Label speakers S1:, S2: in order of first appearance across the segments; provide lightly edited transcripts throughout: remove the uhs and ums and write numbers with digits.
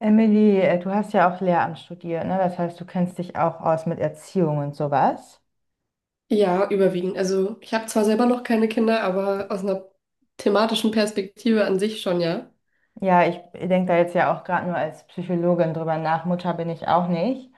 S1: Emily, du hast ja auch Lehramt studiert, ne? Das heißt, du kennst dich auch aus mit Erziehung und sowas.
S2: Ja, überwiegend. Also ich habe zwar selber noch keine Kinder, aber aus einer thematischen Perspektive an sich schon, ja.
S1: Ja, ich denke da jetzt ja auch gerade nur als Psychologin drüber nach. Mutter bin ich auch nicht.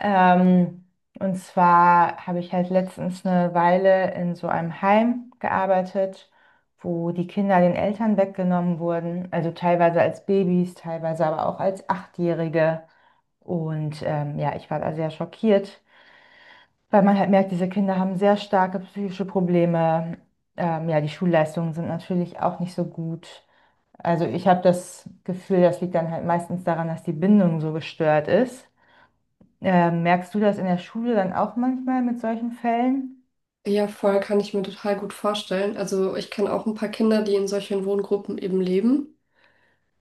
S1: Ähm, und zwar habe ich halt letztens eine Weile in so einem Heim gearbeitet, wo die Kinder den Eltern weggenommen wurden. Also teilweise als Babys, teilweise aber auch als Achtjährige. Und ja, ich war da sehr schockiert, weil man halt merkt, diese Kinder haben sehr starke psychische Probleme. Ja, die Schulleistungen sind natürlich auch nicht so gut. Also ich habe das Gefühl, das liegt dann halt meistens daran, dass die Bindung so gestört ist. Merkst du das in der Schule dann auch manchmal mit solchen Fällen?
S2: Ja, voll kann ich mir total gut vorstellen. Also ich kenne auch ein paar Kinder, die in solchen Wohngruppen eben leben.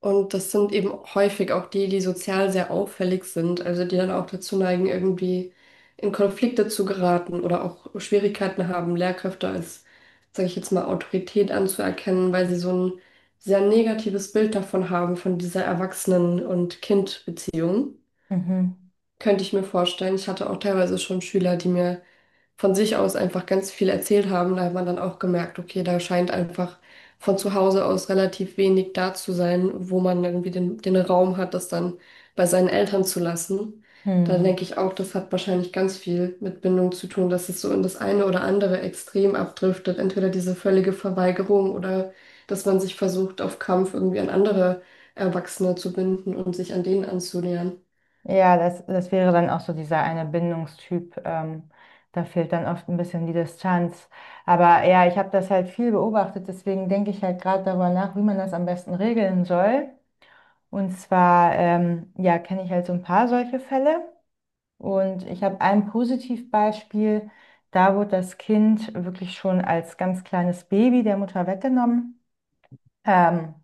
S2: Und das sind eben häufig auch die, die sozial sehr auffällig sind, also die dann auch dazu neigen, irgendwie in Konflikte zu geraten oder auch Schwierigkeiten haben, Lehrkräfte als, sage ich jetzt mal, Autorität anzuerkennen, weil sie so ein sehr negatives Bild davon haben, von dieser Erwachsenen- und Kind-Beziehung.
S1: Mhm.
S2: Könnte ich mir vorstellen. Ich hatte auch teilweise schon Schüler, die mir von sich aus einfach ganz viel erzählt haben. Da hat man dann auch gemerkt, okay, da scheint einfach von zu Hause aus relativ wenig da zu sein, wo man irgendwie den Raum hat, das dann bei seinen Eltern zu lassen. Da
S1: Hm.
S2: denke ich auch, das hat wahrscheinlich ganz viel mit Bindung zu tun, dass es so in das eine oder andere Extrem abdriftet. Entweder diese völlige Verweigerung oder dass man sich versucht, auf Kampf irgendwie an andere Erwachsene zu binden und sich an denen anzunähern.
S1: Ja, das wäre dann auch so dieser eine Bindungstyp. Da fehlt dann oft ein bisschen die Distanz. Aber ja, ich habe das halt viel beobachtet, deswegen denke ich halt gerade darüber nach, wie man das am besten regeln soll. Und zwar, ja, kenne ich halt so ein paar solche Fälle. Und ich habe ein Positivbeispiel. Da wurde das Kind wirklich schon als ganz kleines Baby der Mutter weggenommen. Ähm,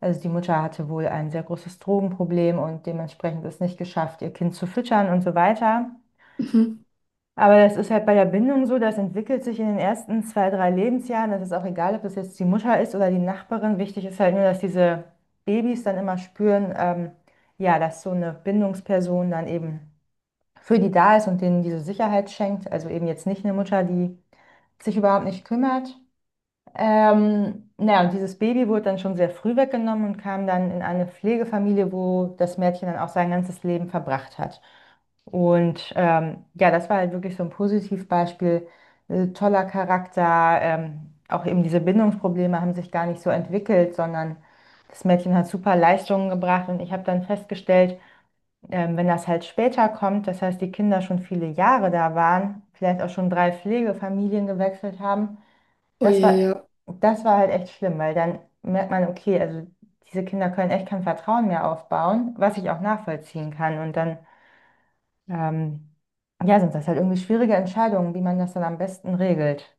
S1: also die Mutter hatte wohl ein sehr großes Drogenproblem und dementsprechend es nicht geschafft, ihr Kind zu füttern und so weiter.
S2: Mhm.
S1: Aber das ist halt bei der Bindung so, das entwickelt sich in den ersten zwei, drei Lebensjahren. Das ist auch egal, ob das jetzt die Mutter ist oder die Nachbarin. Wichtig ist halt nur, dass diese Babys dann immer spüren, ja, dass so eine Bindungsperson dann eben für die da ist und denen diese Sicherheit schenkt. Also eben jetzt nicht eine Mutter, die sich überhaupt nicht kümmert. Naja, und dieses Baby wurde dann schon sehr früh weggenommen und kam dann in eine Pflegefamilie, wo das Mädchen dann auch sein ganzes Leben verbracht hat. Und ja, das war halt wirklich so ein Positivbeispiel. Toller Charakter. Auch eben diese Bindungsprobleme haben sich gar nicht so entwickelt, sondern das Mädchen hat super Leistungen gebracht. Und ich habe dann festgestellt, wenn das halt später kommt, das heißt, die Kinder schon viele Jahre da waren, vielleicht auch schon drei Pflegefamilien gewechselt haben,
S2: Oh
S1: das
S2: je,
S1: war,
S2: ja.
S1: das war halt echt schlimm, weil dann merkt man, okay, also diese Kinder können echt kein Vertrauen mehr aufbauen, was ich auch nachvollziehen kann. Und dann, ähm, ja, sind das halt irgendwie schwierige Entscheidungen, wie man das dann am besten regelt.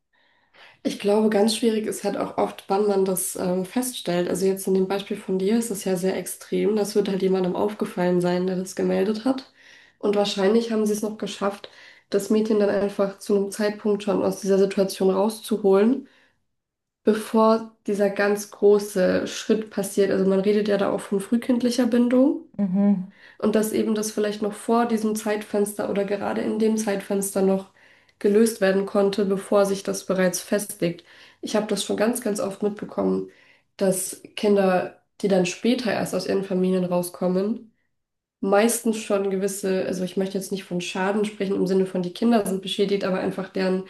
S2: Ich glaube, ganz schwierig ist halt auch oft, wann man das feststellt. Also jetzt in dem Beispiel von dir ist es ja sehr extrem. Das wird halt jemandem aufgefallen sein, der das gemeldet hat. Und wahrscheinlich haben sie es noch geschafft, das Mädchen dann einfach zu einem Zeitpunkt schon aus dieser Situation rauszuholen, bevor dieser ganz große Schritt passiert. Also man redet ja da auch von frühkindlicher Bindung.
S1: Mhm.
S2: Und dass eben das vielleicht noch vor diesem Zeitfenster oder gerade in dem Zeitfenster noch gelöst werden konnte, bevor sich das bereits festlegt. Ich habe das schon ganz, ganz oft mitbekommen, dass Kinder, die dann später erst aus ihren Familien rauskommen, meistens schon gewisse, also ich möchte jetzt nicht von Schaden sprechen im Sinne von die Kinder sind beschädigt, aber einfach deren,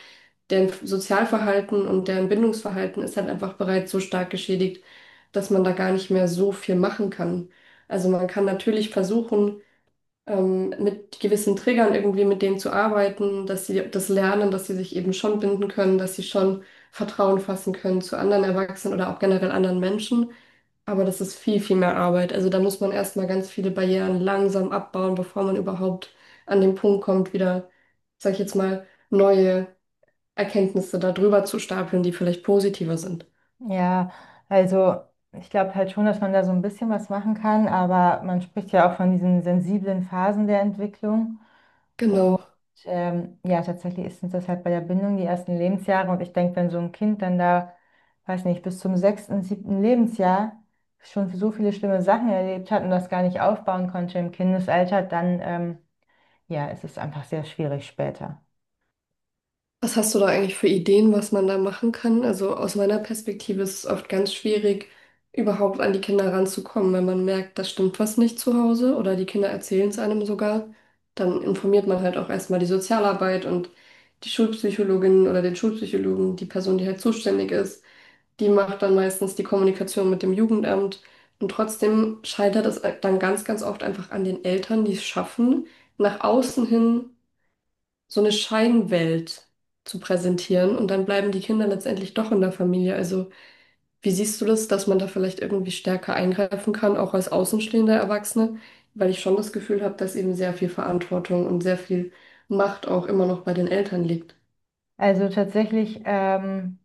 S2: deren Sozialverhalten und deren Bindungsverhalten ist halt einfach bereits so stark geschädigt, dass man da gar nicht mehr so viel machen kann. Also man kann natürlich versuchen, mit gewissen Triggern irgendwie mit denen zu arbeiten, dass sie das lernen, dass sie sich eben schon binden können, dass sie schon Vertrauen fassen können zu anderen Erwachsenen oder auch generell anderen Menschen. Aber das ist viel, viel mehr Arbeit. Also da muss man erstmal ganz viele Barrieren langsam abbauen, bevor man überhaupt an den Punkt kommt, wieder, sag ich jetzt mal, neue Erkenntnisse darüber zu stapeln, die vielleicht positiver sind.
S1: Ja, also ich glaube halt schon, dass man da so ein bisschen was machen kann, aber man spricht ja auch von diesen sensiblen Phasen der Entwicklung. Und
S2: Genau.
S1: ja, tatsächlich ist es das halt bei der Bindung die ersten Lebensjahre. Und ich denke, wenn so ein Kind dann da, weiß nicht, bis zum sechsten, siebten Lebensjahr schon so viele schlimme Sachen erlebt hat und das gar nicht aufbauen konnte im Kindesalter, dann ja, es ist einfach sehr schwierig später.
S2: Was hast du da eigentlich für Ideen, was man da machen kann? Also aus meiner Perspektive ist es oft ganz schwierig, überhaupt an die Kinder ranzukommen. Wenn man merkt, da stimmt was nicht zu Hause oder die Kinder erzählen es einem sogar, dann informiert man halt auch erstmal die Sozialarbeit und die Schulpsychologin oder den Schulpsychologen, die Person, die halt zuständig ist, die macht dann meistens die Kommunikation mit dem Jugendamt. Und trotzdem scheitert es dann ganz, ganz oft einfach an den Eltern, die es schaffen, nach außen hin so eine Scheinwelt zu präsentieren und dann bleiben die Kinder letztendlich doch in der Familie. Also, wie siehst du das, dass man da vielleicht irgendwie stärker eingreifen kann, auch als außenstehender Erwachsene? Weil ich schon das Gefühl habe, dass eben sehr viel Verantwortung und sehr viel Macht auch immer noch bei den Eltern liegt.
S1: Also tatsächlich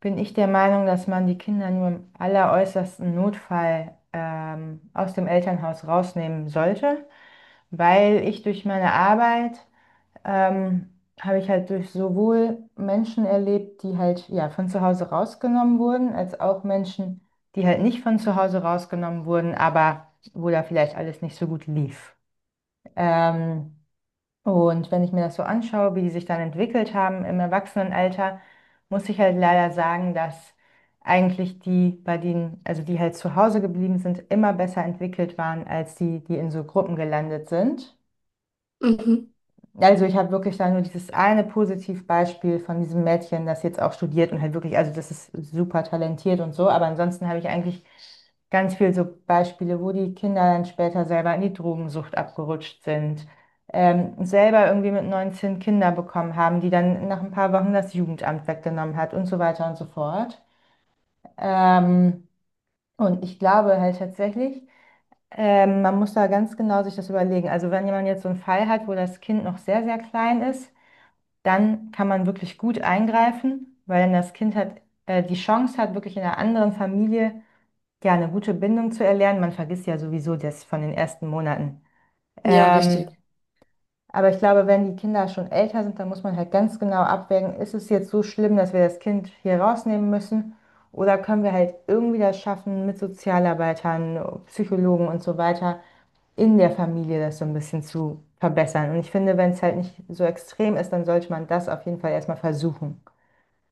S1: bin ich der Meinung, dass man die Kinder nur im alleräußersten Notfall aus dem Elternhaus rausnehmen sollte, weil ich durch meine Arbeit ähm, habe ich halt durch sowohl Menschen erlebt, die halt ja von zu Hause rausgenommen wurden, als auch Menschen, die halt nicht von zu Hause rausgenommen wurden, aber wo da vielleicht alles nicht so gut lief. Ähm, und wenn ich mir das so anschaue, wie die sich dann entwickelt haben im Erwachsenenalter, muss ich halt leider sagen, dass eigentlich die, bei denen, also die halt zu Hause geblieben sind, immer besser entwickelt waren als die, die in so Gruppen gelandet sind.
S2: Mhm.
S1: Also ich habe wirklich da nur dieses eine Positivbeispiel von diesem Mädchen, das jetzt auch studiert und halt wirklich, also das ist super talentiert und so, aber ansonsten habe ich eigentlich ganz viel so Beispiele, wo die Kinder dann später selber in die Drogensucht abgerutscht sind, selber irgendwie mit 19 Kinder bekommen haben, die dann nach ein paar Wochen das Jugendamt weggenommen hat und so weiter und so fort. Ähm, und ich glaube halt tatsächlich, man muss da ganz genau sich das überlegen. Also wenn jemand jetzt so einen Fall hat, wo das Kind noch sehr, sehr klein ist, dann kann man wirklich gut eingreifen, weil dann das Kind hat, die Chance hat, wirklich in einer anderen Familie ja eine gute Bindung zu erlernen. Man vergisst ja sowieso das von den ersten Monaten.
S2: Ja, richtig.
S1: Ähm, aber ich glaube, wenn die Kinder schon älter sind, dann muss man halt ganz genau abwägen, ist es jetzt so schlimm, dass wir das Kind hier rausnehmen müssen? Oder können wir halt irgendwie das schaffen, mit Sozialarbeitern, Psychologen und so weiter in der Familie das so ein bisschen zu verbessern? Und ich finde, wenn es halt nicht so extrem ist, dann sollte man das auf jeden Fall erstmal versuchen.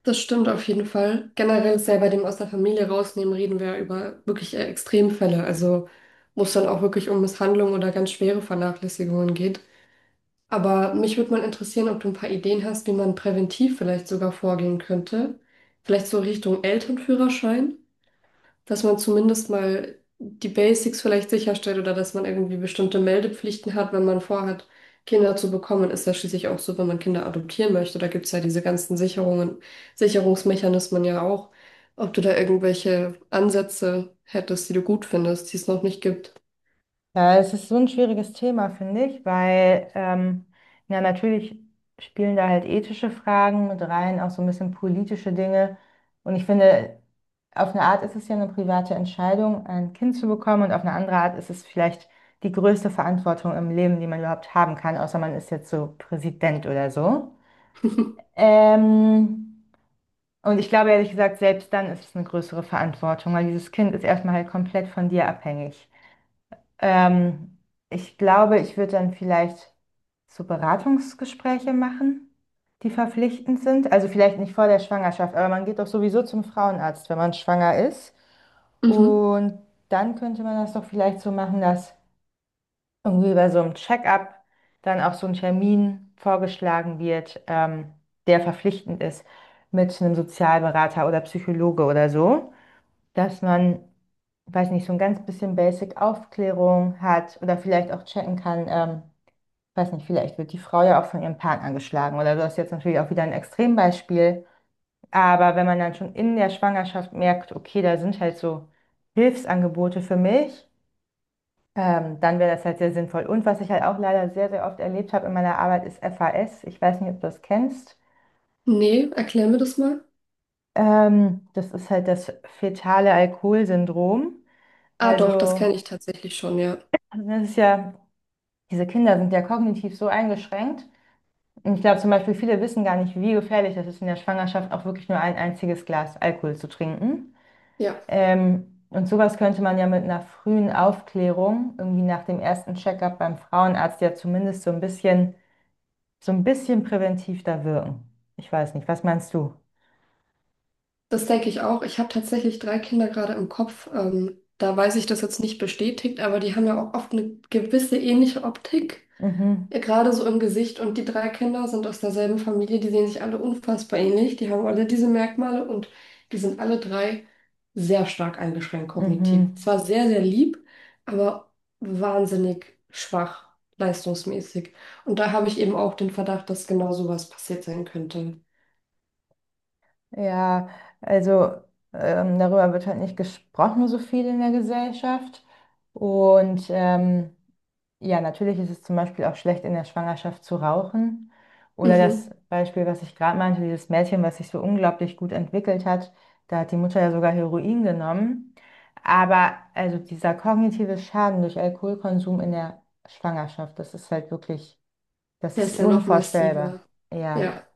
S2: Das stimmt auf jeden Fall. Generell ist ja bei dem aus der Familie rausnehmen, reden wir ja über wirklich eher Extremfälle. Also, wo es dann auch wirklich um Misshandlung oder ganz schwere Vernachlässigungen geht. Aber mich würde mal interessieren, ob du ein paar Ideen hast, wie man präventiv vielleicht sogar vorgehen könnte. Vielleicht so Richtung Elternführerschein, dass man zumindest mal die Basics vielleicht sicherstellt oder dass man irgendwie bestimmte Meldepflichten hat, wenn man vorhat, Kinder zu bekommen. Ist ja schließlich auch so, wenn man Kinder adoptieren möchte. Da gibt es ja diese ganzen Sicherungen, Sicherungsmechanismen ja auch. Ob du da irgendwelche Ansätze hättest, die du gut findest, die es noch nicht gibt.
S1: Ja, es ist so ein schwieriges Thema, finde ich, weil ja, natürlich spielen da halt ethische Fragen mit rein, auch so ein bisschen politische Dinge. Und ich finde, auf eine Art ist es ja eine private Entscheidung, ein Kind zu bekommen, und auf eine andere Art ist es vielleicht die größte Verantwortung im Leben, die man überhaupt haben kann, außer man ist jetzt so Präsident oder so. Ähm, und ich glaube ehrlich gesagt, selbst dann ist es eine größere Verantwortung, weil dieses Kind ist erstmal halt komplett von dir abhängig. Ähm, Ich glaube, ich würde dann vielleicht so Beratungsgespräche machen, die verpflichtend sind. Also vielleicht nicht vor der Schwangerschaft, aber man geht doch sowieso zum Frauenarzt, wenn man schwanger ist.
S2: Mhm.
S1: Und dann könnte man das doch vielleicht so machen, dass irgendwie bei so einem Check-up dann auch so ein Termin vorgeschlagen wird, der verpflichtend ist mit einem Sozialberater oder Psychologe oder so, dass man, weiß nicht, so ein ganz bisschen Basic Aufklärung hat oder vielleicht auch checken kann, weiß nicht, vielleicht wird die Frau ja auch von ihrem Partner angeschlagen oder du hast jetzt natürlich auch wieder ein Extrembeispiel. Aber wenn man dann schon in der Schwangerschaft merkt, okay, da sind halt so Hilfsangebote für mich, dann wäre das halt sehr sinnvoll. Und was ich halt auch leider sehr, sehr oft erlebt habe in meiner Arbeit, ist FAS. Ich weiß nicht, ob du das kennst.
S2: Nee, erklär mir das mal.
S1: Das ist halt das fetale Alkoholsyndrom.
S2: Ah, doch, das
S1: Also,
S2: kenne ich tatsächlich schon, ja.
S1: das ist ja, diese Kinder sind ja kognitiv so eingeschränkt. Und ich glaube zum Beispiel, viele wissen gar nicht, wie gefährlich das ist, in der Schwangerschaft auch wirklich nur ein einziges Glas Alkohol zu trinken.
S2: Ja,
S1: Und sowas könnte man ja mit einer frühen Aufklärung, irgendwie nach dem ersten Check-up beim Frauenarzt, ja zumindest so ein bisschen präventiv da wirken. Ich weiß nicht, was meinst du?
S2: das denke ich auch. Ich habe tatsächlich drei Kinder gerade im Kopf. Da weiß ich das jetzt nicht bestätigt, aber die haben ja auch oft eine gewisse ähnliche Optik,
S1: Mhm,
S2: gerade so im Gesicht. Und die drei Kinder sind aus derselben Familie, die sehen sich alle unfassbar ähnlich. Die haben alle diese Merkmale und die sind alle drei sehr stark eingeschränkt kognitiv.
S1: mhm.
S2: Zwar sehr, sehr lieb, aber wahnsinnig schwach leistungsmäßig. Und da habe ich eben auch den Verdacht, dass genau sowas passiert sein könnte.
S1: Ja, also darüber wird halt nicht gesprochen so viel in der Gesellschaft. Und ja, natürlich ist es zum Beispiel auch schlecht, in der Schwangerschaft zu rauchen. Oder das
S2: Mhm.
S1: Beispiel, was ich gerade meinte, dieses Mädchen, was sich so unglaublich gut entwickelt hat, da hat die Mutter ja sogar Heroin genommen. Aber also dieser kognitive Schaden durch Alkoholkonsum in der Schwangerschaft, das ist halt wirklich, das
S2: Der
S1: ist
S2: ist ja noch
S1: unvorstellbar.
S2: massiver.
S1: Ja.
S2: Ja.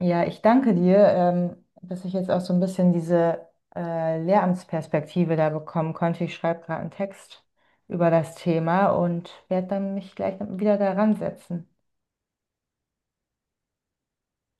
S1: Ja, ich danke dir, dass ich jetzt auch so ein bisschen diese Lehramtsperspektive da bekommen konnte. Ich schreibe gerade einen Text über das Thema und werde dann mich gleich wieder daran setzen.